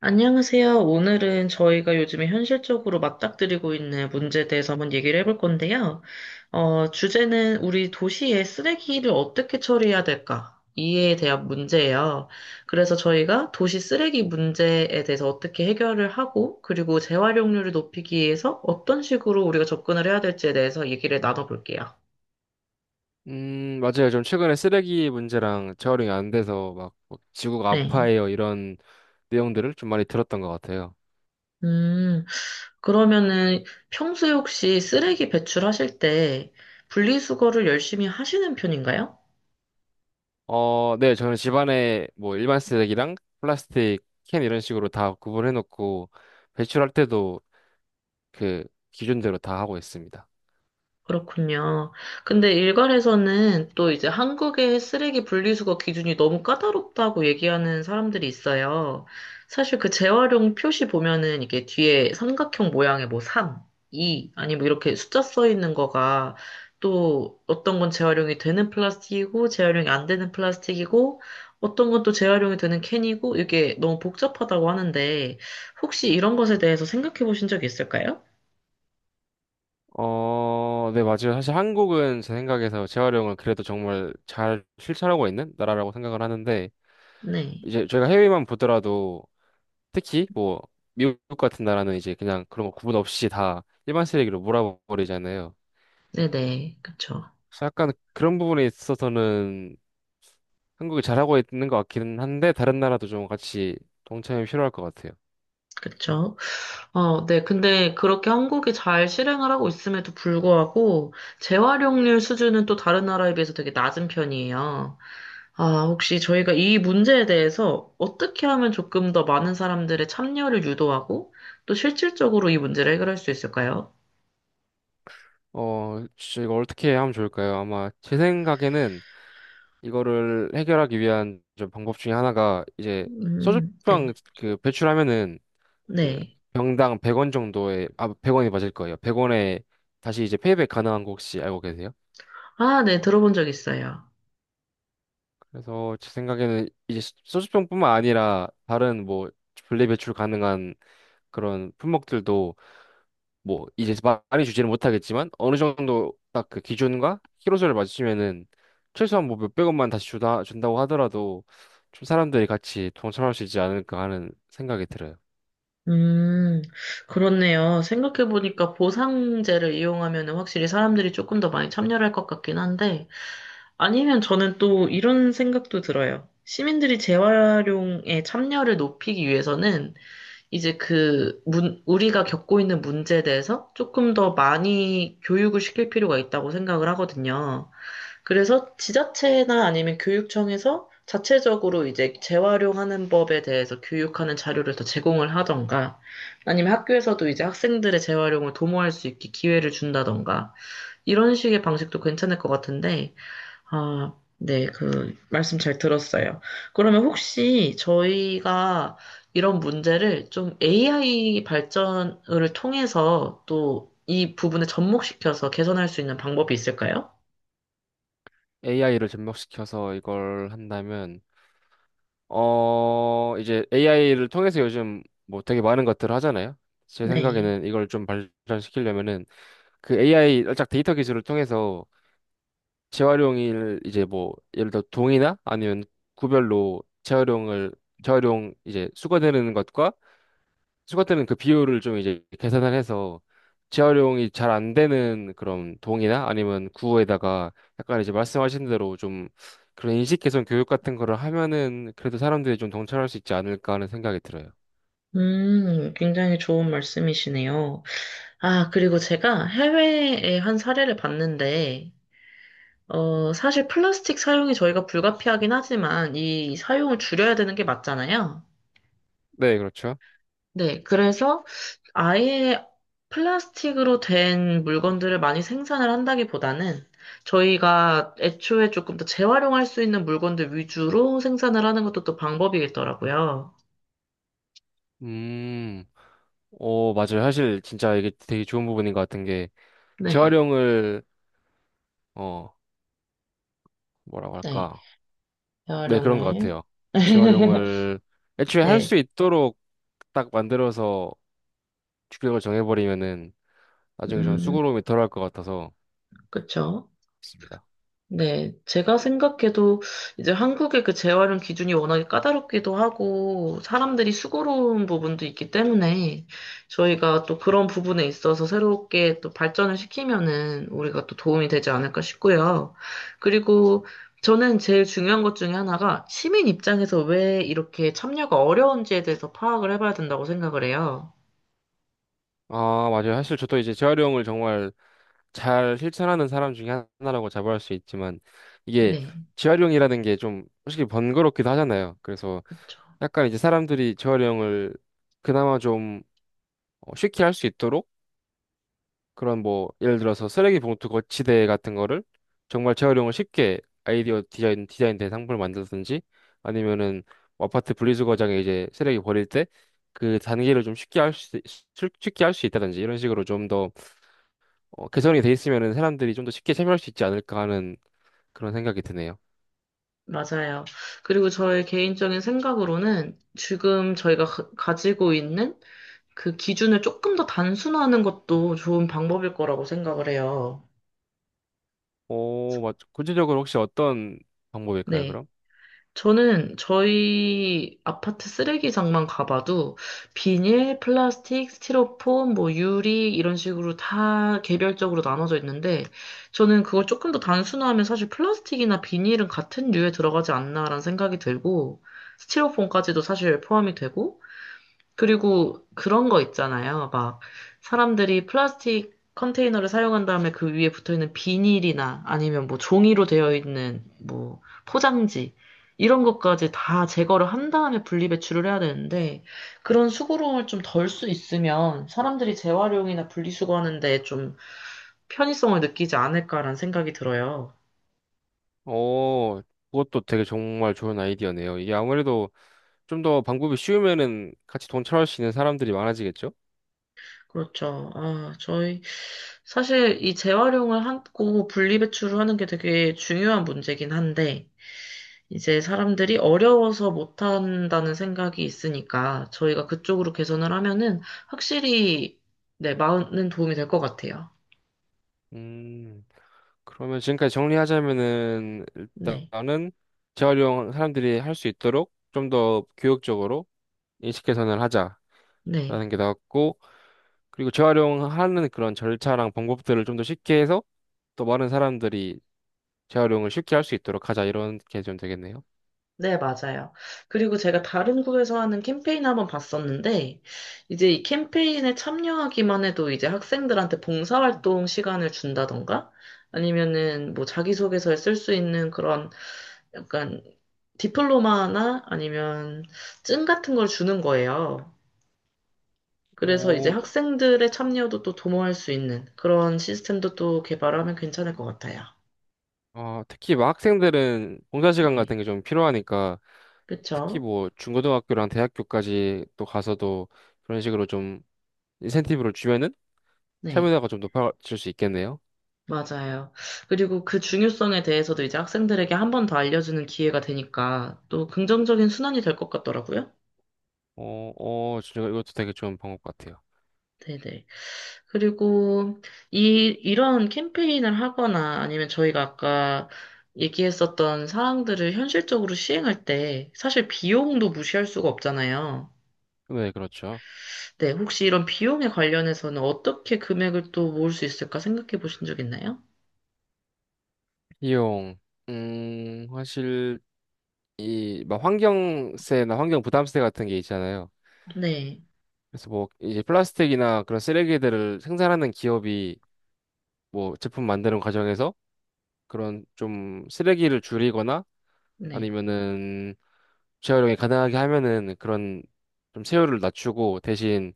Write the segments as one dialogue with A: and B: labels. A: 안녕하세요. 오늘은 저희가 요즘에 현실적으로 맞닥뜨리고 있는 문제에 대해서 한번 얘기를 해볼 건데요. 주제는 우리 도시의 쓰레기를 어떻게 처리해야 될까? 이에 대한 문제예요. 그래서 저희가 도시 쓰레기 문제에 대해서 어떻게 해결을 하고, 그리고 재활용률을 높이기 위해서 어떤 식으로 우리가 접근을 해야 될지에 대해서 얘기를 나눠볼게요.
B: 맞아요. 좀 최근에 쓰레기 문제랑 재활용이 안 돼서 막뭐 지구가
A: 네.
B: 아파해요. 이런 내용들을 좀 많이 들었던 것 같아요.
A: 음, 그러면은 평소에 혹시 쓰레기 배출하실 때 분리수거를 열심히 하시는 편인가요?
B: 어, 네. 저는 집안에 뭐 일반 쓰레기랑 플라스틱 캔 이런 식으로 다 구분해 놓고 배출할 때도 그 기준대로 다 하고 있습니다.
A: 그렇군요. 근데 일각에서는 또 이제 한국의 쓰레기 분리수거 기준이 너무 까다롭다고 얘기하는 사람들이 있어요. 사실 그 재활용 표시 보면은 이게 뒤에 삼각형 모양의 뭐 3, 2, 아니 뭐 이렇게 숫자 써 있는 거가 또 어떤 건 재활용이 되는 플라스틱이고 재활용이 안 되는 플라스틱이고 어떤 건 또 재활용이 되는 캔이고 이게 너무 복잡하다고 하는데 혹시 이런 것에 대해서 생각해 보신 적 있을까요?
B: 어, 네, 맞아요. 사실 한국은 제 생각에서 재활용을 그래도 정말 잘 실천하고 있는 나라라고 생각을 하는데,
A: 네.
B: 이제 저희가 해외만 보더라도 특히 뭐 미국 같은 나라는 이제 그냥 그런 거 구분 없이 다 일반 쓰레기로 몰아버리잖아요.
A: 네네. 그쵸.
B: 그래서 약간 그런 부분에 있어서는 한국이 잘하고 있는 것 같기는 한데, 다른 나라도 좀 같이 동참이 필요할 것 같아요.
A: 그쵸? 어, 네. 근데 그렇게 한국이 잘 실행을 하고 있음에도 불구하고 재활용률 수준은 또 다른 나라에 비해서 되게 낮은 편이에요. 아, 혹시 저희가 이 문제에 대해서 어떻게 하면 조금 더 많은 사람들의 참여를 유도하고 또 실질적으로 이 문제를 해결할 수 있을까요?
B: 어, 진짜 이거 어떻게 하면 좋을까요? 아마 제 생각에는 이거를 해결하기 위한 좀 방법 중에 하나가 이제 소주병
A: 네.
B: 그 배출하면은 그
A: 네.
B: 병당 100원 정도에 아원이 맞을 거예요. 100원에 다시 이제 페이백 가능한 거 혹시 알고 계세요?
A: 아, 네. 들어본 적 있어요.
B: 그래서 제 생각에는 이제 소주병뿐만 아니라 다른 뭐 분리 배출 가능한 그런 품목들도 뭐 이제 많이 주지는 못하겠지만 어느 정도 딱 그 기준과 키로수를 맞추면은 최소한 뭐 몇 백원만 다시 주다 준다고 하더라도 좀 사람들이 같이 동참할 수 있지 않을까 하는 생각이 들어요.
A: 음, 그렇네요. 생각해보니까 보상제를 이용하면 확실히 사람들이 조금 더 많이 참여할 것 같긴 한데, 아니면 저는 또 이런 생각도 들어요. 시민들이 재활용에 참여를 높이기 위해서는 이제 우리가 겪고 있는 문제에 대해서 조금 더 많이 교육을 시킬 필요가 있다고 생각을 하거든요. 그래서 지자체나 아니면 교육청에서 자체적으로 이제 재활용하는 법에 대해서 교육하는 자료를 더 제공을 하던가 아니면 학교에서도 이제 학생들의 재활용을 도모할 수 있게 기회를 준다던가 이런 식의 방식도 괜찮을 것 같은데 아, 네, 말씀 잘 들었어요. 그러면 혹시 저희가 이런 문제를 좀 AI 발전을 통해서 또 이 부분에 접목시켜서 개선할 수 있는 방법이 있을까요?
B: AI를 접목시켜서 이걸 한다면 이제 AI를 통해서 요즘 뭐 되게 많은 것들을 하잖아요. 제
A: 네.
B: 생각에는 이걸 좀 발전시키려면은 그 AI 를 살짝 데이터 기술을 통해서 재활용일 이제 뭐 예를 들어 동이나 아니면 구별로 재활용 이제 수거되는 것과 수거되는 그 비율을 좀 이제 계산을 해서 재활용이 잘 안 되는 그런 동이나 아니면 구에다가 약간 이제 말씀하신 대로 좀 그런 인식 개선 교육 같은 거를 하면은 그래도 사람들이 좀 동참할 수 있지 않을까 하는 생각이 들어요.
A: 굉장히 좋은 말씀이시네요. 아, 그리고 제가 해외의 한 사례를 봤는데, 사실 플라스틱 사용이 저희가 불가피하긴 하지만 이 사용을 줄여야 되는 게 맞잖아요.
B: 네, 그렇죠.
A: 네, 그래서 아예 플라스틱으로 된 물건들을 많이 생산을 한다기보다는 저희가 애초에 조금 더 재활용할 수 있는 물건들 위주로 생산을 하는 것도 또 방법이겠더라고요.
B: 음. 어, 맞아요. 사실 진짜 이게 되게 좋은 부분인 것 같은 게
A: 네,
B: 재활용을 어, 뭐라고
A: 네,
B: 할까? 네, 그런 것
A: 재활용을.
B: 같아요. 재활용을 애초에 할
A: 네,
B: 수 있도록 딱 만들어서 규격을 정해버리면은 나중에 좀
A: 음,
B: 수고로움이 덜할 것 같아서
A: 그쵸.
B: 있습니다.
A: 네, 제가 생각해도 이제 한국의 그 재활용 기준이 워낙에 까다롭기도 하고 사람들이 수고로운 부분도 있기 때문에 저희가 또 그런 부분에 있어서 새롭게 또 발전을 시키면은 우리가 또 도움이 되지 않을까 싶고요. 그리고 저는 제일 중요한 것 중에 하나가 시민 입장에서 왜 이렇게 참여가 어려운지에 대해서 파악을 해봐야 된다고 생각을 해요.
B: 아, 맞아요. 사실 저도 이제 재활용을 정말 잘 실천하는 사람 중에 하나라고 자부할 수 있지만 이게
A: 네,
B: 재활용이라는 게 좀 솔직히 번거롭기도 하잖아요. 그래서
A: 그렇죠.
B: 약간 이제 사람들이 재활용을 그나마 좀 어, 쉽게 할 수 있도록 그런 뭐 예를 들어서 쓰레기 봉투 거치대 같은 거를 정말 재활용을 쉽게 아이디어 디자인된 상품을 만들든지 아니면은 뭐 아파트 분리수거장에 이제 쓰레기 버릴 때 그 단계를 쉽게 할 수 있다든지 이런 식으로 좀더 어, 개선이 돼 있으면은 사람들이 좀 더 쉽게 참여할 수 있지 않을까 하는 그런 생각이 드네요.
A: 맞아요. 그리고 저의 개인적인 생각으로는 지금 저희가 가지고 있는 그 기준을 조금 더 단순화하는 것도 좋은 방법일 거라고 생각을 해요.
B: 오, 맞. 구체적으로 혹시 어떤 방법일까요,
A: 네.
B: 그럼?
A: 저는 저희 아파트 쓰레기장만 가봐도 비닐, 플라스틱, 스티로폼, 뭐 유리 이런 식으로 다 개별적으로 나눠져 있는데 저는 그걸 조금 더 단순화하면 사실 플라스틱이나 비닐은 같은 류에 들어가지 않나라는 생각이 들고 스티로폼까지도 사실 포함이 되고 그리고 그런 거 있잖아요. 막 사람들이 플라스틱 컨테이너를 사용한 다음에 그 위에 붙어 있는 비닐이나 아니면 뭐 종이로 되어 있는 뭐 포장지 이런 것까지 다 제거를 한 다음에 분리배출을 해야 되는데 그런 수고로움을 좀 덜 수 있으면 사람들이 재활용이나 분리수거하는데 좀 편의성을 느끼지 않을까라는 생각이 들어요.
B: 오, 그것도 되게 정말 좋은 아이디어네요. 이게 아무래도 좀 더 방법이 쉬우면은 같이 돈 처할 수 있는 사람들이 많아지겠죠?
A: 그렇죠. 아, 저희 사실 이 재활용을 하고 분리배출을 하는 게 되게 중요한 문제긴 한데 이제 사람들이 어려워서 못한다는 생각이 있으니까 저희가 그쪽으로 개선을 하면은 확실히 네, 많은 도움이 될 것 같아요.
B: 음, 그러면 지금까지 정리하자면은
A: 네.
B: 일단은 재활용 사람들이 할 수 있도록 좀 더 교육적으로 인식 개선을 하자라는
A: 네.
B: 게 나왔고, 그리고 재활용하는 그런 절차랑 방법들을 좀 더 쉽게 해서 또 많은 사람들이 재활용을 쉽게 할 수 있도록 하자 이런 게 좀 되겠네요.
A: 네, 맞아요. 그리고 제가 다른 구에서 하는 캠페인 한번 봤었는데, 이제 이 캠페인에 참여하기만 해도 이제 학생들한테 봉사활동 시간을 준다던가, 아니면은 뭐 자기소개서에 쓸 수 있는 그런 약간 디플로마나 아니면 증 같은 걸 주는 거예요. 그래서 이제
B: 오,
A: 학생들의 참여도 또 도모할 수 있는 그런 시스템도 또 개발하면 괜찮을 것 같아요.
B: 어, 특히 막 학생들은 봉사 시간
A: 네.
B: 같은 게 좀 필요하니까 특히
A: 그쵸?
B: 뭐 중고등학교랑 대학교까지 또 가서도 그런 식으로 좀 인센티브를 주면은
A: 네.
B: 참여도가 좀 높아질 수 있겠네요.
A: 맞아요. 그리고 그 중요성에 대해서도 이제 학생들에게 한 번 더 알려주는 기회가 되니까 또 긍정적인 순환이 될 것 같더라고요.
B: 어, 어, 진짜 이것도 되게 좋은 방법 같아요.
A: 네네. 그리고 이런 캠페인을 하거나 아니면 저희가 아까 얘기했었던 사항들을 현실적으로 시행할 때 사실 비용도 무시할 수가 없잖아요.
B: 네, 그렇죠.
A: 네, 혹시 이런 비용에 관련해서는 어떻게 금액을 또 모을 수 있을까 생각해 보신 적 있나요?
B: 비용, 사실 이 막 환경세나 환경 부담세 같은 게 있잖아요.
A: 네,
B: 그래서 뭐 이제 플라스틱이나 그런 쓰레기들을 생산하는 기업이 뭐 제품 만드는 과정에서 그런 좀 쓰레기를 줄이거나
A: 네.
B: 아니면은 재활용이 가능하게 하면은 그런 좀 세율을 낮추고 대신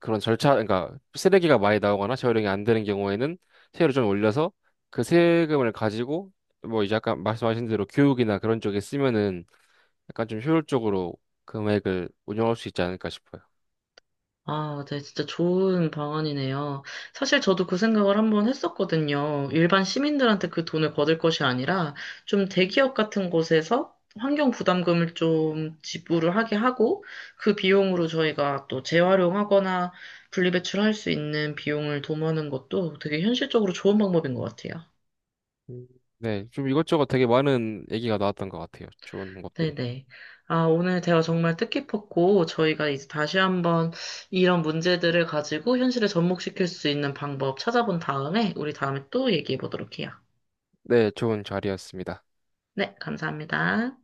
B: 그런 절차, 그러니까 쓰레기가 많이 나오거나 재활용이 안 되는 경우에는 세율을 좀 올려서 그 세금을 가지고 뭐 이제 아까 말씀하신 대로 교육이나 그런 쪽에 쓰면은 약간 좀 효율적으로 금액을 운영할 수 있지 않을까 싶어요.
A: 아, 네, 진짜 좋은 방안이네요. 사실 저도 그 생각을 한번 했었거든요. 일반 시민들한테 그 돈을 거둘 것이 아니라 좀 대기업 같은 곳에서 환경 부담금을 좀 지불을 하게 하고 그 비용으로 저희가 또 재활용하거나 분리배출할 수 있는 비용을 도모하는 것도 되게 현실적으로 좋은 방법인 것 같아요.
B: 음. 네, 좀 이것저것 되게 많은 얘기가 나왔던 것 같아요. 좋은 방법들이.
A: 네네. 아, 오늘 대화 정말 뜻깊었고, 저희가 이제 다시 한번 이런 문제들을 가지고 현실에 접목시킬 수 있는 방법 찾아본 다음에, 우리 다음에 또 얘기해 보도록 해요.
B: 네, 좋은 자리였습니다.
A: 네, 감사합니다.